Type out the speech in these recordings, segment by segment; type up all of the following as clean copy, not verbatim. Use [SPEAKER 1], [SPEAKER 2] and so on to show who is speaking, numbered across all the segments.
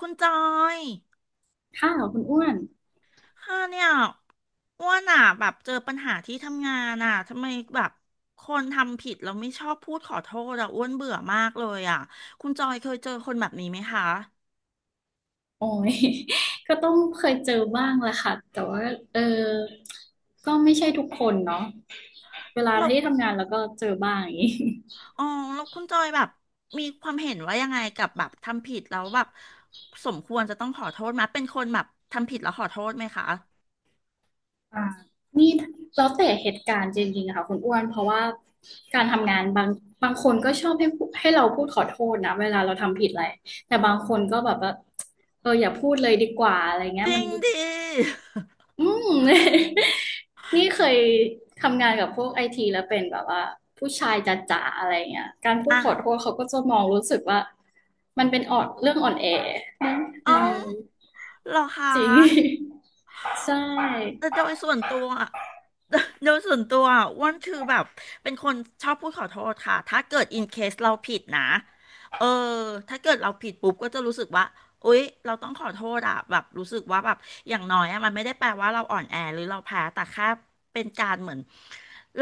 [SPEAKER 1] คุณจอย
[SPEAKER 2] ค่ะคุณอ้วน
[SPEAKER 1] ค่ะเนี่ยอ้วนอ่ะแบบเจอปัญหาที่ทำงานอ่ะทำไมแบบคนทำผิดแล้วไม่ชอบพูดขอโทษอ่ะอ้วนเบื่อมากเลยอ่ะคุณจอยเคยเจอคนแบบนี้ไหมคะ
[SPEAKER 2] โอ้ย ก็ต้องเคยเจอบ้างแหละค่ะแต่ว่าเออก็ไม่ใช่ทุกคนเนาะเวลา
[SPEAKER 1] แล้ว
[SPEAKER 2] ที่ทำงานแล้วก็เจอบ้างอย่างนี้
[SPEAKER 1] อ๋อแล้วคุณจอยแบบมีความเห็นว่ายังไงกับแบบทำผิดแล้วแบบสมควรจะต้องขอโทษไหมเป็นคนแบบทำผิดแล้วขอโทษไหมคะ
[SPEAKER 2] อ่า นี่แล้วแต่เหตุการณ์จริงๆอะค่ะคุณอ้วนเพราะว่าการทำงานบางคนก็ชอบให้เราพูดขอโทษนะเวลาเราทำผิดอะไรแต่บางคนก็แบบว่าเอออย่าพูดเลยดีกว่าอะไรเงี้
[SPEAKER 1] จ
[SPEAKER 2] ย
[SPEAKER 1] ริ
[SPEAKER 2] มัน
[SPEAKER 1] งดิ
[SPEAKER 2] อืม นี่เคยทำงานกับพวกไอทีแล้วเป็นแบบว่าผู้ชายจ๋าๆอะไรเงี้ยการพูด
[SPEAKER 1] อ่ะ
[SPEAKER 2] ขอโทษเขาก็จะมองรู้สึกว่ามันเป็นออดเรื่องอ่อนแอเออ
[SPEAKER 1] เอ้าเหรอคะ
[SPEAKER 2] จริง ใช่
[SPEAKER 1] แต่โดยส่วนตัวอะ โดยส่วนตัวอะอ้วนคือแบบเป็นคนชอบพูดขอโทษค่ะถ้าเกิดอินเคสเราผิดนะเออถ้าเกิดเราผิดปุ๊บก็จะรู้สึกว่าอุ๊ยเราต้องขอโทษอ่ะแบบรู้สึกว่าแบบอย่างน้อยอะมันไม่ได้แปลว่าเราอ่อนแอหรือเราแพ้แต่แค่เป็นการเหมือน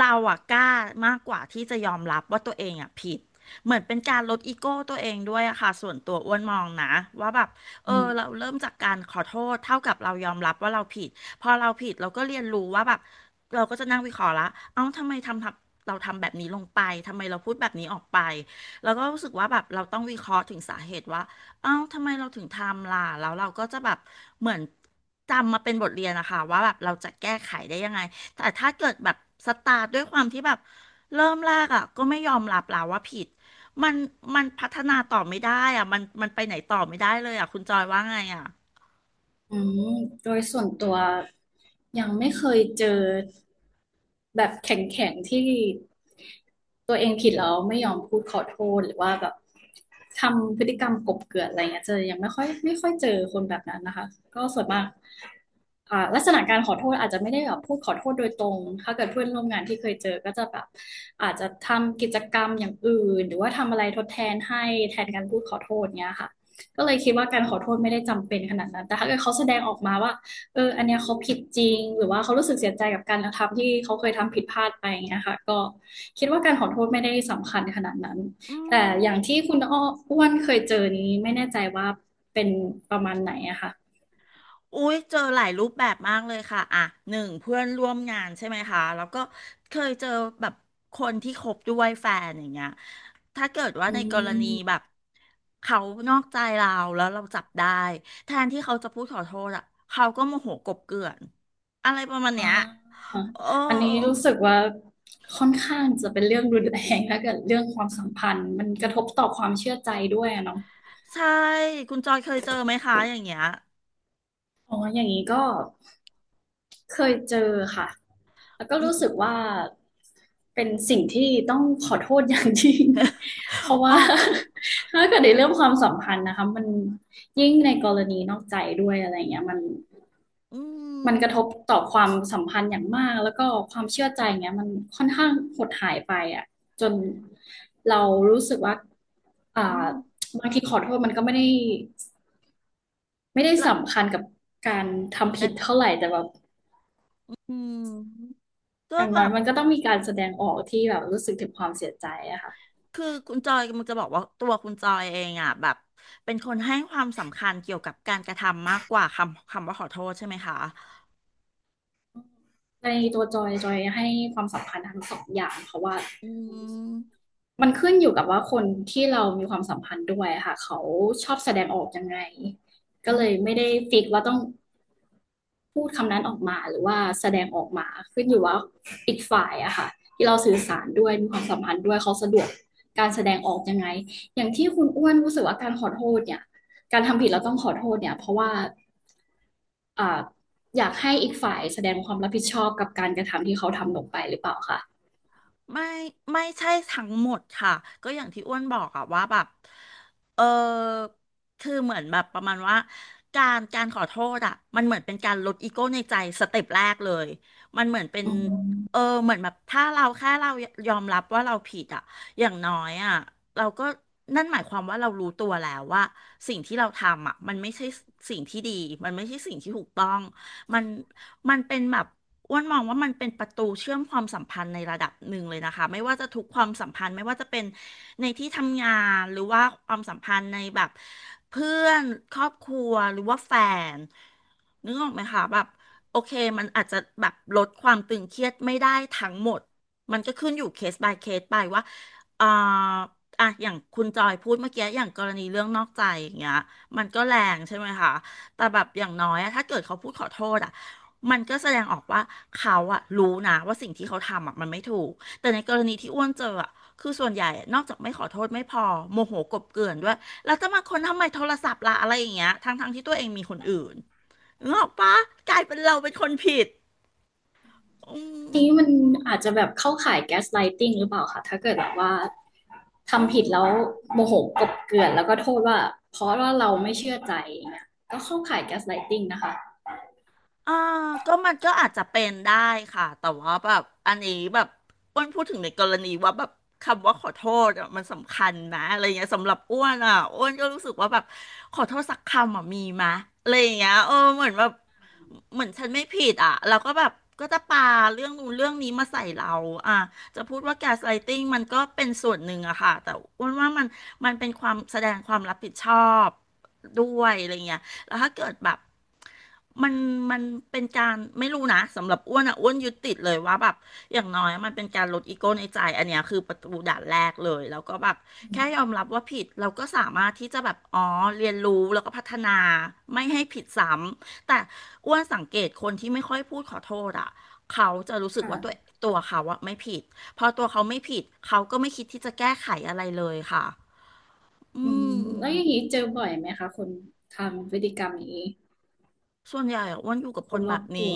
[SPEAKER 1] เราอะกล้ามากกว่าที่จะยอมรับว่าตัวเองอะผิดเหมือนเป็นการลดอีโก้ตัวเองด้วยอะค่ะส่วนตัวอ้วนมองนะว่าแบบ เอ
[SPEAKER 2] อืม
[SPEAKER 1] อเราเริ่มจากการขอโทษเท่ากับเรายอมรับว่าเราผิดพอเราผิดเราก็เรียนรู้ว่าแบบเราก็จะนั่งวิเคราะห์ละเอ้าทำไมเราทำแบบนี้ลงไปทำไมเราพูดแบบนี้ออกไปแล้วก็รู้สึกว่าแบบเราต้องวิเคราะห์ถึงสาเหตุว่าเอ้าทำไมเราถึงทำล่ะแล้วเราก็จะแบบเหมือนจำมาเป็นบทเรียนนะคะว่าแบบเราจะแก้ไขได้ยังไงแต่ถ้าเกิดแบบสตาร์ทด้วยความที่แบบเริ่มแรกอ่ะก็ไม่ยอมรับแล้วว่าผิด มันมันพัฒนาต่อไม่ได้อ่ะมันไปไหนต่อไม่ได้เลยอ่ะคุณจอยว่าไงอ่ะ
[SPEAKER 2] อืมโดยส่วนตัวยังไม่เคยเจอ แบบแข็งๆที่ตัวเองผิดแล้วไม่ยอมพูดขอโทษหรือว่าแบบทำพฤติกรรมกลบเกลื่อนอะไรเงี้ยเจอยังไม่ค่อยเจอคนแบบนั้นนะคะก็ส่วนมากลักษณะการขอโทษอาจจะไม่ได้แบบพูดขอโทษโดยตรงถ้าเกิดเพื่อนร่วมงานที่เคยเจอก็จะแบบอาจจะทำกิจกรรมอย่างอื่นหรือว่าทำอะไรทดแทนให้แทนการพูดขอโทษเนี้ยค่ะก็เลยคิดว่าการขอโทษไม่ได้จำเป็นขนาดนั้นแต่ถ้าเกิดเขาแสดงออกมาว่า เอออันเนี้ยเขาผิดจริง หรือว่าเขารู้สึกเสียใจกับการกระทำที่เขาเคยทำผิดพลาดไปอย่างเงี้ยค่ะก็คิดว่าการขอโทษไม่ได้สำคัญขนาดนั้น
[SPEAKER 1] อื
[SPEAKER 2] แต่อ
[SPEAKER 1] ม
[SPEAKER 2] ย่างที่คุณอ้วนเคยเจอนี้ไม่แน่ใจว่าเป็นประมาณไหนอะค่ะ
[SPEAKER 1] อุ้ยเจอหลายรูปแบบมากเลยค่ะอ่ะหนึ่งเพื่อนร่วมงานใช่ไหมคะแล้วก็เคยเจอแบบคนที่คบด้วยแฟนอย่างเงี้ยถ้าเกิดว่า
[SPEAKER 2] อื
[SPEAKER 1] ในกรณีแบบ
[SPEAKER 2] ม
[SPEAKER 1] เขานอกใจเราแล้วเราจับได้แทนที่เขาจะพูดขอโทษอ่ะเขาก็โมโหกลบเกลื่อนอะไรประมาณ
[SPEAKER 2] อ่
[SPEAKER 1] เนี้ย
[SPEAKER 2] า
[SPEAKER 1] โอ้
[SPEAKER 2] อันนี้รู้สึกว่าค่อนข้างจะเป็นเรื่องรุนแรงแล้วกับเรื่องความสัมพันธ์มันกระทบต่อความเชื่อใจด้วยอะเนาะ
[SPEAKER 1] ใช่คุณจอยเคยเจอไหมคะอย่างเงี้ย
[SPEAKER 2] อ๋ออย่างนี้ก็เคยเจอค่ะ แล้วก็
[SPEAKER 1] อื
[SPEAKER 2] รู้สึ
[SPEAKER 1] ม
[SPEAKER 2] กว่าเป็นสิ่งที่ต้องขอโทษอย่างยิ่ง เพราะ
[SPEAKER 1] อ๋
[SPEAKER 2] ว่า
[SPEAKER 1] อ
[SPEAKER 2] ถ้าเกิดในเรื่องความสัมพันธ์นะคะมันยิ่งในกรณีนอกใจด้วยอะไรเงี้ยมัน
[SPEAKER 1] อื
[SPEAKER 2] ก
[SPEAKER 1] ม
[SPEAKER 2] ระทบต่อความสัมพันธ์อย่างมากแล้วก็ความเชื่อใจเงี้ยมันค่อนข้างหดหายไปอ่ะจนเรารู้สึกว่าอ่
[SPEAKER 1] อื
[SPEAKER 2] า
[SPEAKER 1] ม
[SPEAKER 2] บางทีขอโทษมันก็ไม่ได้
[SPEAKER 1] ละ
[SPEAKER 2] สำคัญกับการทำ
[SPEAKER 1] แต่
[SPEAKER 2] ผิดเท่าไหร่แต่แบบ
[SPEAKER 1] อืมก็
[SPEAKER 2] อย่าง
[SPEAKER 1] แบ
[SPEAKER 2] น้อย
[SPEAKER 1] บ
[SPEAKER 2] มันก็ต้องมีการแสดงออกที่แบบรู้สึกถึงความเสียใจอะค่ะ
[SPEAKER 1] คือคุณจอยมันจะบอกว่าตัวคุณจอยเองอ่ะแบบเป็นคนให้ความสำคัญเกี่ยวกับการกระทำมากกว่าคำว่าขอโทษใช่ไหมคะ
[SPEAKER 2] ในตัวจอยจอยให้ความสัมพันธ์ทั้งสองอย่างเพราะว่า
[SPEAKER 1] อืม
[SPEAKER 2] มันขึ้นอยู่กับว่าคนที่เรามีความสัมพันธ์ด้วยค่ะเขาชอบแสดงออกยังไงก็
[SPEAKER 1] อื
[SPEAKER 2] เลย
[SPEAKER 1] ม
[SPEAKER 2] ไม่ได้ฟิกว่าต้อง พูดคำนั้นออกมาหรือว่าแสดงออกมาขึ้นอยู่ว่าอีกฝ่ายอะค่ะที่เราสื่อสารด้วยมีความสัมพันธ์ด้วยเขาสะดวกการแสดงออกยังไงอย่างที่คุณอ้วนรู้สึกว่าการขอโทษเนี่ยการทำผิดเราต้องขอโทษเนี่ยเพราะว่าอ่าอยากให้อีกฝ่ายแสดงความรับผิดชอบกับการกระทำที่เขาทำลงไปหรือเปล่าคะ
[SPEAKER 1] ไม่ไม่ใช่ทั้งหมดค่ะก็อย่างที่อ้วนบอกอะว่าแบบเออคือเหมือนแบบประมาณว่าการขอโทษอะมันเหมือนเป็นการลดอีโก้ในใจสเต็ปแรกเลยมันเหมือนเป็น
[SPEAKER 2] อื
[SPEAKER 1] เออ
[SPEAKER 2] ม
[SPEAKER 1] เหมือนแบบถ้าเราแค่เรายอมรับว่าเราผิดอะอย่างน้อยอะเราก็นั่นหมายความว่าเรารู้ตัวแล้วว่าสิ่งที่เราทำอะมันไม่ใช่สิ่งที่ดีมันไม่ใช่สิ่งที่ถูกต้องมันมันเป็นแบบ อ้วนมองว่ามันเป็นประตูเชื่อมความสัมพันธ์ในระดับหนึ่งเลยนะคะไม่ว่าจะทุกความสัมพันธ์ไม่ว่าจะเป็นในที่ทำงานหรือว่าความสัมพันธ์ในแบบเพื่อนครอบครัวหรือว่าแฟนนึกออกไหมคะแบบโอเคมันอาจจะแบบลดความตึงเครียดไม่ได้ทั้งหมดมันก็ขึ้นอยู่เคส by เคสไปว่าเอ่ออ่ะอย่างคุณจอยพูดเมื่อกี้อย่างกรณีเรื่องนอกใจอย่างเงี้ยมันก็แรงใช่ไหมคะแต่แบบอย่างน้อยอะถ้าเกิดเขาพูดขอโทษอะ มันก็แสดงออกว่าเขาอะรู้นะว่าสิ่งที่เขาทำอะมันไม่ถูกแต่ในกรณีที่อ้วนเจออะคือส่วนใหญ่อะนอกจากไม่ขอโทษไม่พอโมโหกลบเกลื่อนด้วยแล้วจะมาคนทำไมโทรศัพท์ล่ะอะไรอย่างเงี้ยทั้งที่ตัวเองมีคนอื่นงกออกปะกลายเป็นเราเป็นคนผิดอืม
[SPEAKER 2] นี้มันอาจจะแบบเข้าข่ายแก๊สไลติงหรือเปล่าคะถ้าเกิดแบบว่า
[SPEAKER 1] อื
[SPEAKER 2] ทำผิด
[SPEAKER 1] ม
[SPEAKER 2] แล้วโมโหกลบเกลื่อนแล้วก็โทษว่าเพราะว่าเราไม่เชื่อใจอย่างเงี้ยก็เข้าข่ายแก๊สไลติงนะคะ
[SPEAKER 1] อ่าก็มันก็อาจจะเป็นได้ค่ะแต่ว่าแบบอันนี้แบบอ้วนพูดถึงในกรณีว่าแบบคำว่าขอโทษอะมันสำคัญนะอะไรเงี้ยสำหรับอ้วนอ่ะอ้วนก็รู้สึกว่าแบบขอโทษสักคำอ่ะมีมะอะไรอย่างเงี้ยเออเหมือนแบบเหมือนฉันไม่ผิดอ่ะแล้วก็แบบก็จะปาเรื่องนู้นเรื่องนี้มาใส่เราอ่ะจะพูดว่าแกสไลติ้งมันก็เป็นส่วนหนึ่งอะค่ะแต่อ้วนว่ามันเป็นความแสดงความรับผิดชอบด้วยอะไรเงี้ย แล้วถ้าเกิดแบบมันมันเป็นการไม่รู้นะสำหรับอ้วนอ่ะอ้วนยึดติดเลยว่าแบบอย่างน้อยมันเป็นการลดอีโก้ในใจอันเนี้ยคือประตูด่านแรกเลยแล้วก็แบบแค่ยอมรับว่าผิดเราก็สามารถที่จะแบบอ๋อเรียนรู้แล้วก็พัฒนาไม่ให้ผิดซ้ำแต่อ้วนสังเกตคนที่ไม่ค่อยพูดขอโทษอ่ะเขาจะรู้สึกว่าตัว
[SPEAKER 2] ค่ะ
[SPEAKER 1] ตัวเขาอะไม่ผิดพอตัวเขาไม่ผิดเขาก็ไม่คิดที่จะแก้ไขอะไรเลยค่ะอื
[SPEAKER 2] อืม
[SPEAKER 1] ม
[SPEAKER 2] แล้วอย่างนี้เจอบ่อยไหมคะคนทำพฤติกรรมนี้
[SPEAKER 1] ส่วนใหญ่อะอ้วนอยู่กับ
[SPEAKER 2] ค
[SPEAKER 1] ค
[SPEAKER 2] น
[SPEAKER 1] น
[SPEAKER 2] ร
[SPEAKER 1] แบ
[SPEAKER 2] อ
[SPEAKER 1] บ
[SPEAKER 2] บ
[SPEAKER 1] นี้
[SPEAKER 2] ตัว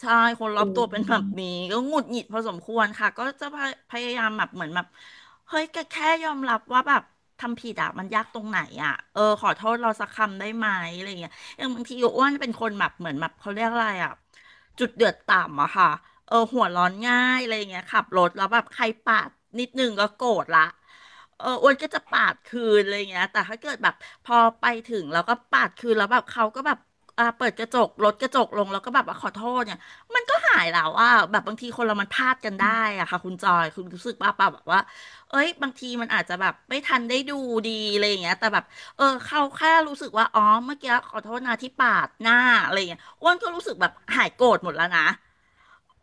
[SPEAKER 1] ใช่คนรอ
[SPEAKER 2] อื
[SPEAKER 1] บตัวเป็นแบ
[SPEAKER 2] ม
[SPEAKER 1] บนี้ก็หงุดหงิดพอสมควรค่ะก็จะพยายามแบบเหมือนแบบเฮ้ยแกแค่ยอมรับว่าแบบทำผิดอะมันยากตรงไหนอะเออขอโทษเราสักคำได้ไหมอะไรอย่างเงี้ยอย่างบางทีอ้วนเป็นคนแบบเหมือนแบบเขาเรียกอะไรอะจุดเดือดต่ำอะค่ะเออหัวร้อนง่ายอะไรอย่างเงี้ยขับรถแล้วแบบใครปาดนิดนึงก็โกรธละ เอออ้วนก็จะปาดคืนอะไรอย่างเงี้ยแต่ถ้าเกิดแบบพอไปถึงแล้วก็ปาดคืนแล้วแบบเขาก็แบบเปิดกระจกลดกระจกลงแล้วก็แบบว่าขอโทษเนี่ยมันก็หายแล้วอ่ะแบบบางทีคนเรามันพลาดกันได้อะค่ะคุณจอยคุณรู้สึกว่าป่ะแบบว่าเอ้ยบางทีมันอาจจะแบบไม่ทันได้ดูดีอะไรอย่างเงี้ยแต่แบบเออเขาแค่รู้สึกว่าอ๋อเมื่อกี้ขอโทษนะที่ปาดหน้าอะไรอย่างเงี้ยอ้วนก็รู้สึกแบบหายโกรธหมดแล้วนะ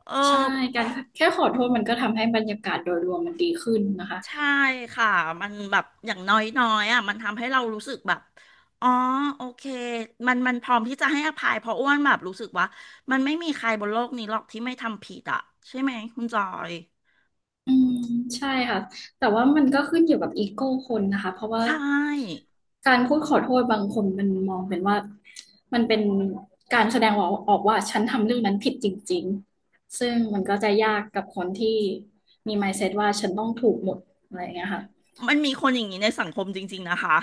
[SPEAKER 1] เออ
[SPEAKER 2] ใช่การแค่ขอโทษมันก็ทำให้บรรยากาศโดยรวมมันดีขึ้นนะคะ
[SPEAKER 1] ใช่ค่ะมันแบบอย่างน้อยๆอ่ะมันทำให้เรารู้สึกแบบอ๋อโอเคมันพร้อมที่จะให้อภัยเพราะอ้วนแบบรู้สึกว่ามันไม่มีใครบนโลกนี้หรอกที่ไม่ทำผิดอ่ะใช่ไหมคุณจอย
[SPEAKER 2] อืมใช่ค่ะแต่ว่ามันก็ขึ้นอยู่กับอีโก้คนนะคะเพราะว่า
[SPEAKER 1] ใช่
[SPEAKER 2] การพูดขอโทษบางคนมันมองเป็นว่ามันเป็นการแสดงออกว่าฉันทำเรื่องนั้นผิดจริงๆซึ่งมันก็จะยากกับคนที่มี mindset ว่าฉันต้องถูกหมดอะไรอย่างเงี้ยค่ะ
[SPEAKER 1] มันมีคนอย่างนี้ในสังคมจริงๆนะคะ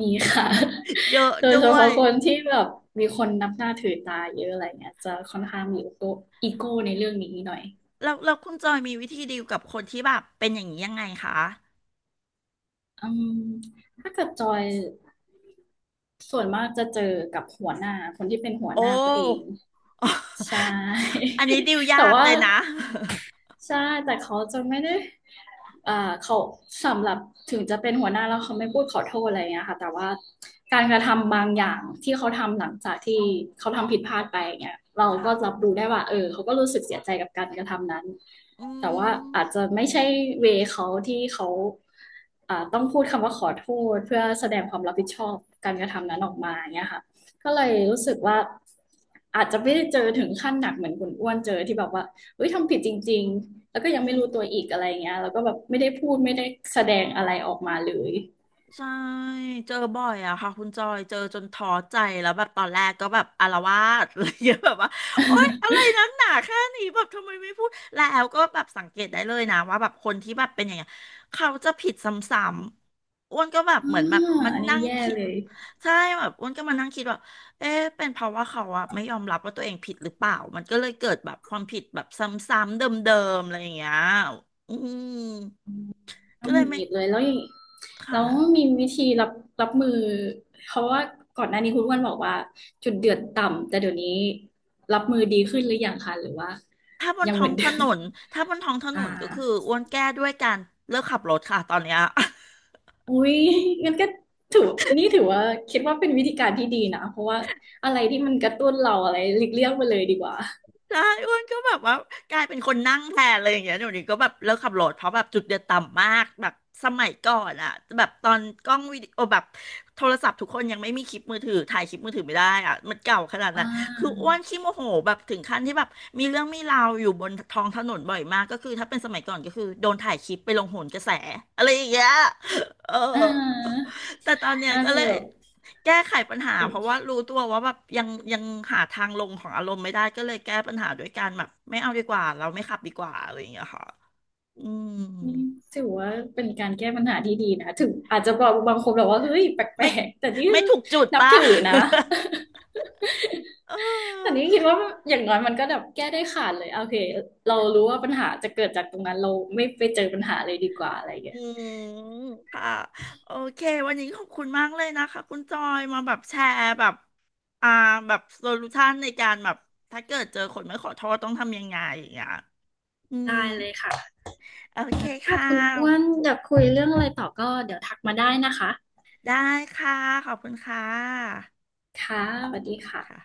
[SPEAKER 2] มีค่ะ
[SPEAKER 1] เยอะ
[SPEAKER 2] โดย
[SPEAKER 1] ด้
[SPEAKER 2] เฉ
[SPEAKER 1] ว
[SPEAKER 2] พาะ
[SPEAKER 1] ย
[SPEAKER 2] คนที่แบบมีคนนับหน้าถือตาเยอะอะไรเงี้ยจะค่อนข้างมีอีโก้อีโก้ในเรื่องนี้หน่อย
[SPEAKER 1] แล้วคุณจอยมีวิธีดีลกับคนที่แบบเป็นอย่างนี้ยังไงคะ
[SPEAKER 2] อืมถ้าเกิดจอยส่วนมากจะเจอกับหัวหน้าคนที่เป็นหัว
[SPEAKER 1] โอ้
[SPEAKER 2] หน้าตัวเองใช่
[SPEAKER 1] อันนี้ดีล
[SPEAKER 2] แต่
[SPEAKER 1] ยาก
[SPEAKER 2] ว่า
[SPEAKER 1] เลยนะ
[SPEAKER 2] ใช่แต่เขาจะไม่ได้อ่าเขาสำหรับถึงจะเป็นหัวหน้าแล้วเขาไม่พูดขอโทษอะไรอย่างเงี้ยค่ะแต่ว่าการกระทำบางอย่างที่เขาทำหลังจากที่เขาทำผิดพลาดไปอย่างเงี้ยเรา ก็
[SPEAKER 1] ค่ะ
[SPEAKER 2] รับรู้ได้ว่าเออเขาก็รู้สึกเสียใจกับการกระทำนั้น
[SPEAKER 1] อื
[SPEAKER 2] แต่ว่า
[SPEAKER 1] ม
[SPEAKER 2] อาจจะไม่ใช่เวเขาที่เขาต้องพูดคำว่าขอโทษเพื่อแสดงความรับผิดชอบการกระทำนั้นออกมาอย่างเงี้ยค่ะก็เล
[SPEAKER 1] อื
[SPEAKER 2] ยรู้
[SPEAKER 1] ม
[SPEAKER 2] สึกว่าอาจจะไม่ได้เจอถึงขั้นหนักเหมือนคุณอ้วนเจอที่แบบว่า เฮ้ยทำผิดจริงๆแล้วก็ยั
[SPEAKER 1] อื
[SPEAKER 2] งไม่
[SPEAKER 1] ม
[SPEAKER 2] รู้ตัวอีกอะไรเงี้ยแล้วก็แบบไม่ได้พูดไม่ได้แสดงอะไรออกมาเลย
[SPEAKER 1] ใช่เจอบ่อยอะค่ะคุณจอยเจอจนท้อใจแล้วแบบตอนแรกก็แบบอาละวาดอะไร เงี้ยแบบว่าโอ๊ยอะไร นักหนาแค่นี้แบบทำไมไม่พูดแล้วก็แบบสังเกตได้เลยนะว่าแบบคนที่แบบเป็นอย่างเงี้ยเขาจะผิดซ้ำๆอ้วนก็แบบ
[SPEAKER 2] อ่า
[SPEAKER 1] เหมือนแบบมัน
[SPEAKER 2] อันนี้
[SPEAKER 1] นั่ง
[SPEAKER 2] แย่
[SPEAKER 1] คิด
[SPEAKER 2] เลย
[SPEAKER 1] ใช่แบบอ้วนก็มานั่งคิดว่าเอ๊ะเป็นเพราะว่าเขาอะไม่ยอมรับว่าตัวเองผิดหรือเปล่ามันก็เลยเกิดแบบความผิดแบบซ้ำๆเดิมๆอะไรอย่างเงี้ยอืมก็
[SPEAKER 2] น้ำห
[SPEAKER 1] เลย
[SPEAKER 2] งุดห
[SPEAKER 1] ไม่
[SPEAKER 2] งิดเลยแล้วอย่าง
[SPEAKER 1] ค
[SPEAKER 2] แล้วมี
[SPEAKER 1] ่ะ
[SPEAKER 2] วิธีรับมือเพราะว่าก่อนหน้านี้คุณอ้วนบอกว่าจุดเดือดต่ำแต่เดี๋ยวนี้รับมือดีขึ้นหรือยังคะหรือว่า
[SPEAKER 1] ถ้าบน
[SPEAKER 2] ยังเห
[SPEAKER 1] ท้อ
[SPEAKER 2] มือ
[SPEAKER 1] ง
[SPEAKER 2] น
[SPEAKER 1] ถ
[SPEAKER 2] เดิม
[SPEAKER 1] นนถ้าบนท้องถ น
[SPEAKER 2] อ่า
[SPEAKER 1] นก็คืออ้วนแก้ด้วยการเลิกขับรถค่ะตอนเนี้ย
[SPEAKER 2] อุ้ยงั้นก็ถือนี่ถือว่าคิดว่าเป็นวิธีการที่ดีนะเพราะว่าอะไรที่มันกระตุ้นเราอะไรหลีกเลี่ยงไปเลยดีกว่า
[SPEAKER 1] ใช่อ้วนก็แบบว่ากลายเป็นคนนั่งแทนเลยอย่างเงี้ยเดี๋ยวนี้ก็แบบเลิกขับรถเพราะแบบจุดเดือดต่ำมากแบบสมัยก่อนอะแบบตอนกล้องวิดีโอแบบโทรศัพท์ทุกคนยังไม่มีคลิปมือถือถ่ายคลิปมือถือไม่ได้อะมันเก่าขนาด
[SPEAKER 2] อ่
[SPEAKER 1] นั้นคืออ้วน
[SPEAKER 2] า
[SPEAKER 1] ขี้โมโหแบบถึงขั้นที่แบบมีเรื่องมีราวอยู่บนท้องถนนบ่อยมากก็คือถ้าเป็นสมัยก่อนก็คือโดนถ่ายคลิปไปลงโหนกระแสอะไรอย่างเงี้ย เออ
[SPEAKER 2] อ่า
[SPEAKER 1] แต่ตอนเนี้ย
[SPEAKER 2] น่า
[SPEAKER 1] ก็
[SPEAKER 2] จะ
[SPEAKER 1] เลย
[SPEAKER 2] แบบ
[SPEAKER 1] แก้ไขปัญหา
[SPEAKER 2] เป็น
[SPEAKER 1] เพราะว่ารู้ตัวว่าแบบยังหาทางลงของอารมณ์ไม่ได้ก็เลยแก้ปัญหาด้วยการแบบไม่เอาดีกว่าเราไม่ขับดีกว่าอะไรอย่างเงี้ยค่ะอืม
[SPEAKER 2] นี่ถือว่าเป็นการแก้ปัญหาที่ดีนะถึงอาจจะบอกบางคนแบบว่าเฮ้ยแปล
[SPEAKER 1] ไม่
[SPEAKER 2] กๆแต่นี่
[SPEAKER 1] ไม่ถูกจุด
[SPEAKER 2] นับ
[SPEAKER 1] ป่ะ
[SPEAKER 2] ถือนะ
[SPEAKER 1] เอ
[SPEAKER 2] แต่
[SPEAKER 1] อ
[SPEAKER 2] นี้คิดว่าอย่างน้อยมันก็แบบแก้ได้ขาดเลยโอเคเรารู้ว่าปัญหาจะเกิดจากตรงนั้นเราไม่ไปเจอปัญหาเลยดีกว่าอะไรอย่าง
[SPEAKER 1] อื
[SPEAKER 2] เงี้ย
[SPEAKER 1] มค่ะโอเควันนี้ขอบคุณมากเลยนะคะคุณจอยมาแบบแชร์แบบอ่าแบบโซลูชันในการแบบถ้าเกิดเจอคนไม่ขอโทษต้องทำยังไงอย่างเงี้ยอืม
[SPEAKER 2] ได้เลยค่ะ
[SPEAKER 1] โอเค
[SPEAKER 2] ถ้า
[SPEAKER 1] ค่
[SPEAKER 2] คุณอ้วน
[SPEAKER 1] ะ
[SPEAKER 2] อยากคุยเรื่องอะไรต่อก็เดี๋ยวทักมาได้นะคะ
[SPEAKER 1] ได้ค่ะขอบคุณค่ะ
[SPEAKER 2] ค่ะสวัสดี
[SPEAKER 1] ค่ะ
[SPEAKER 2] ค่ะ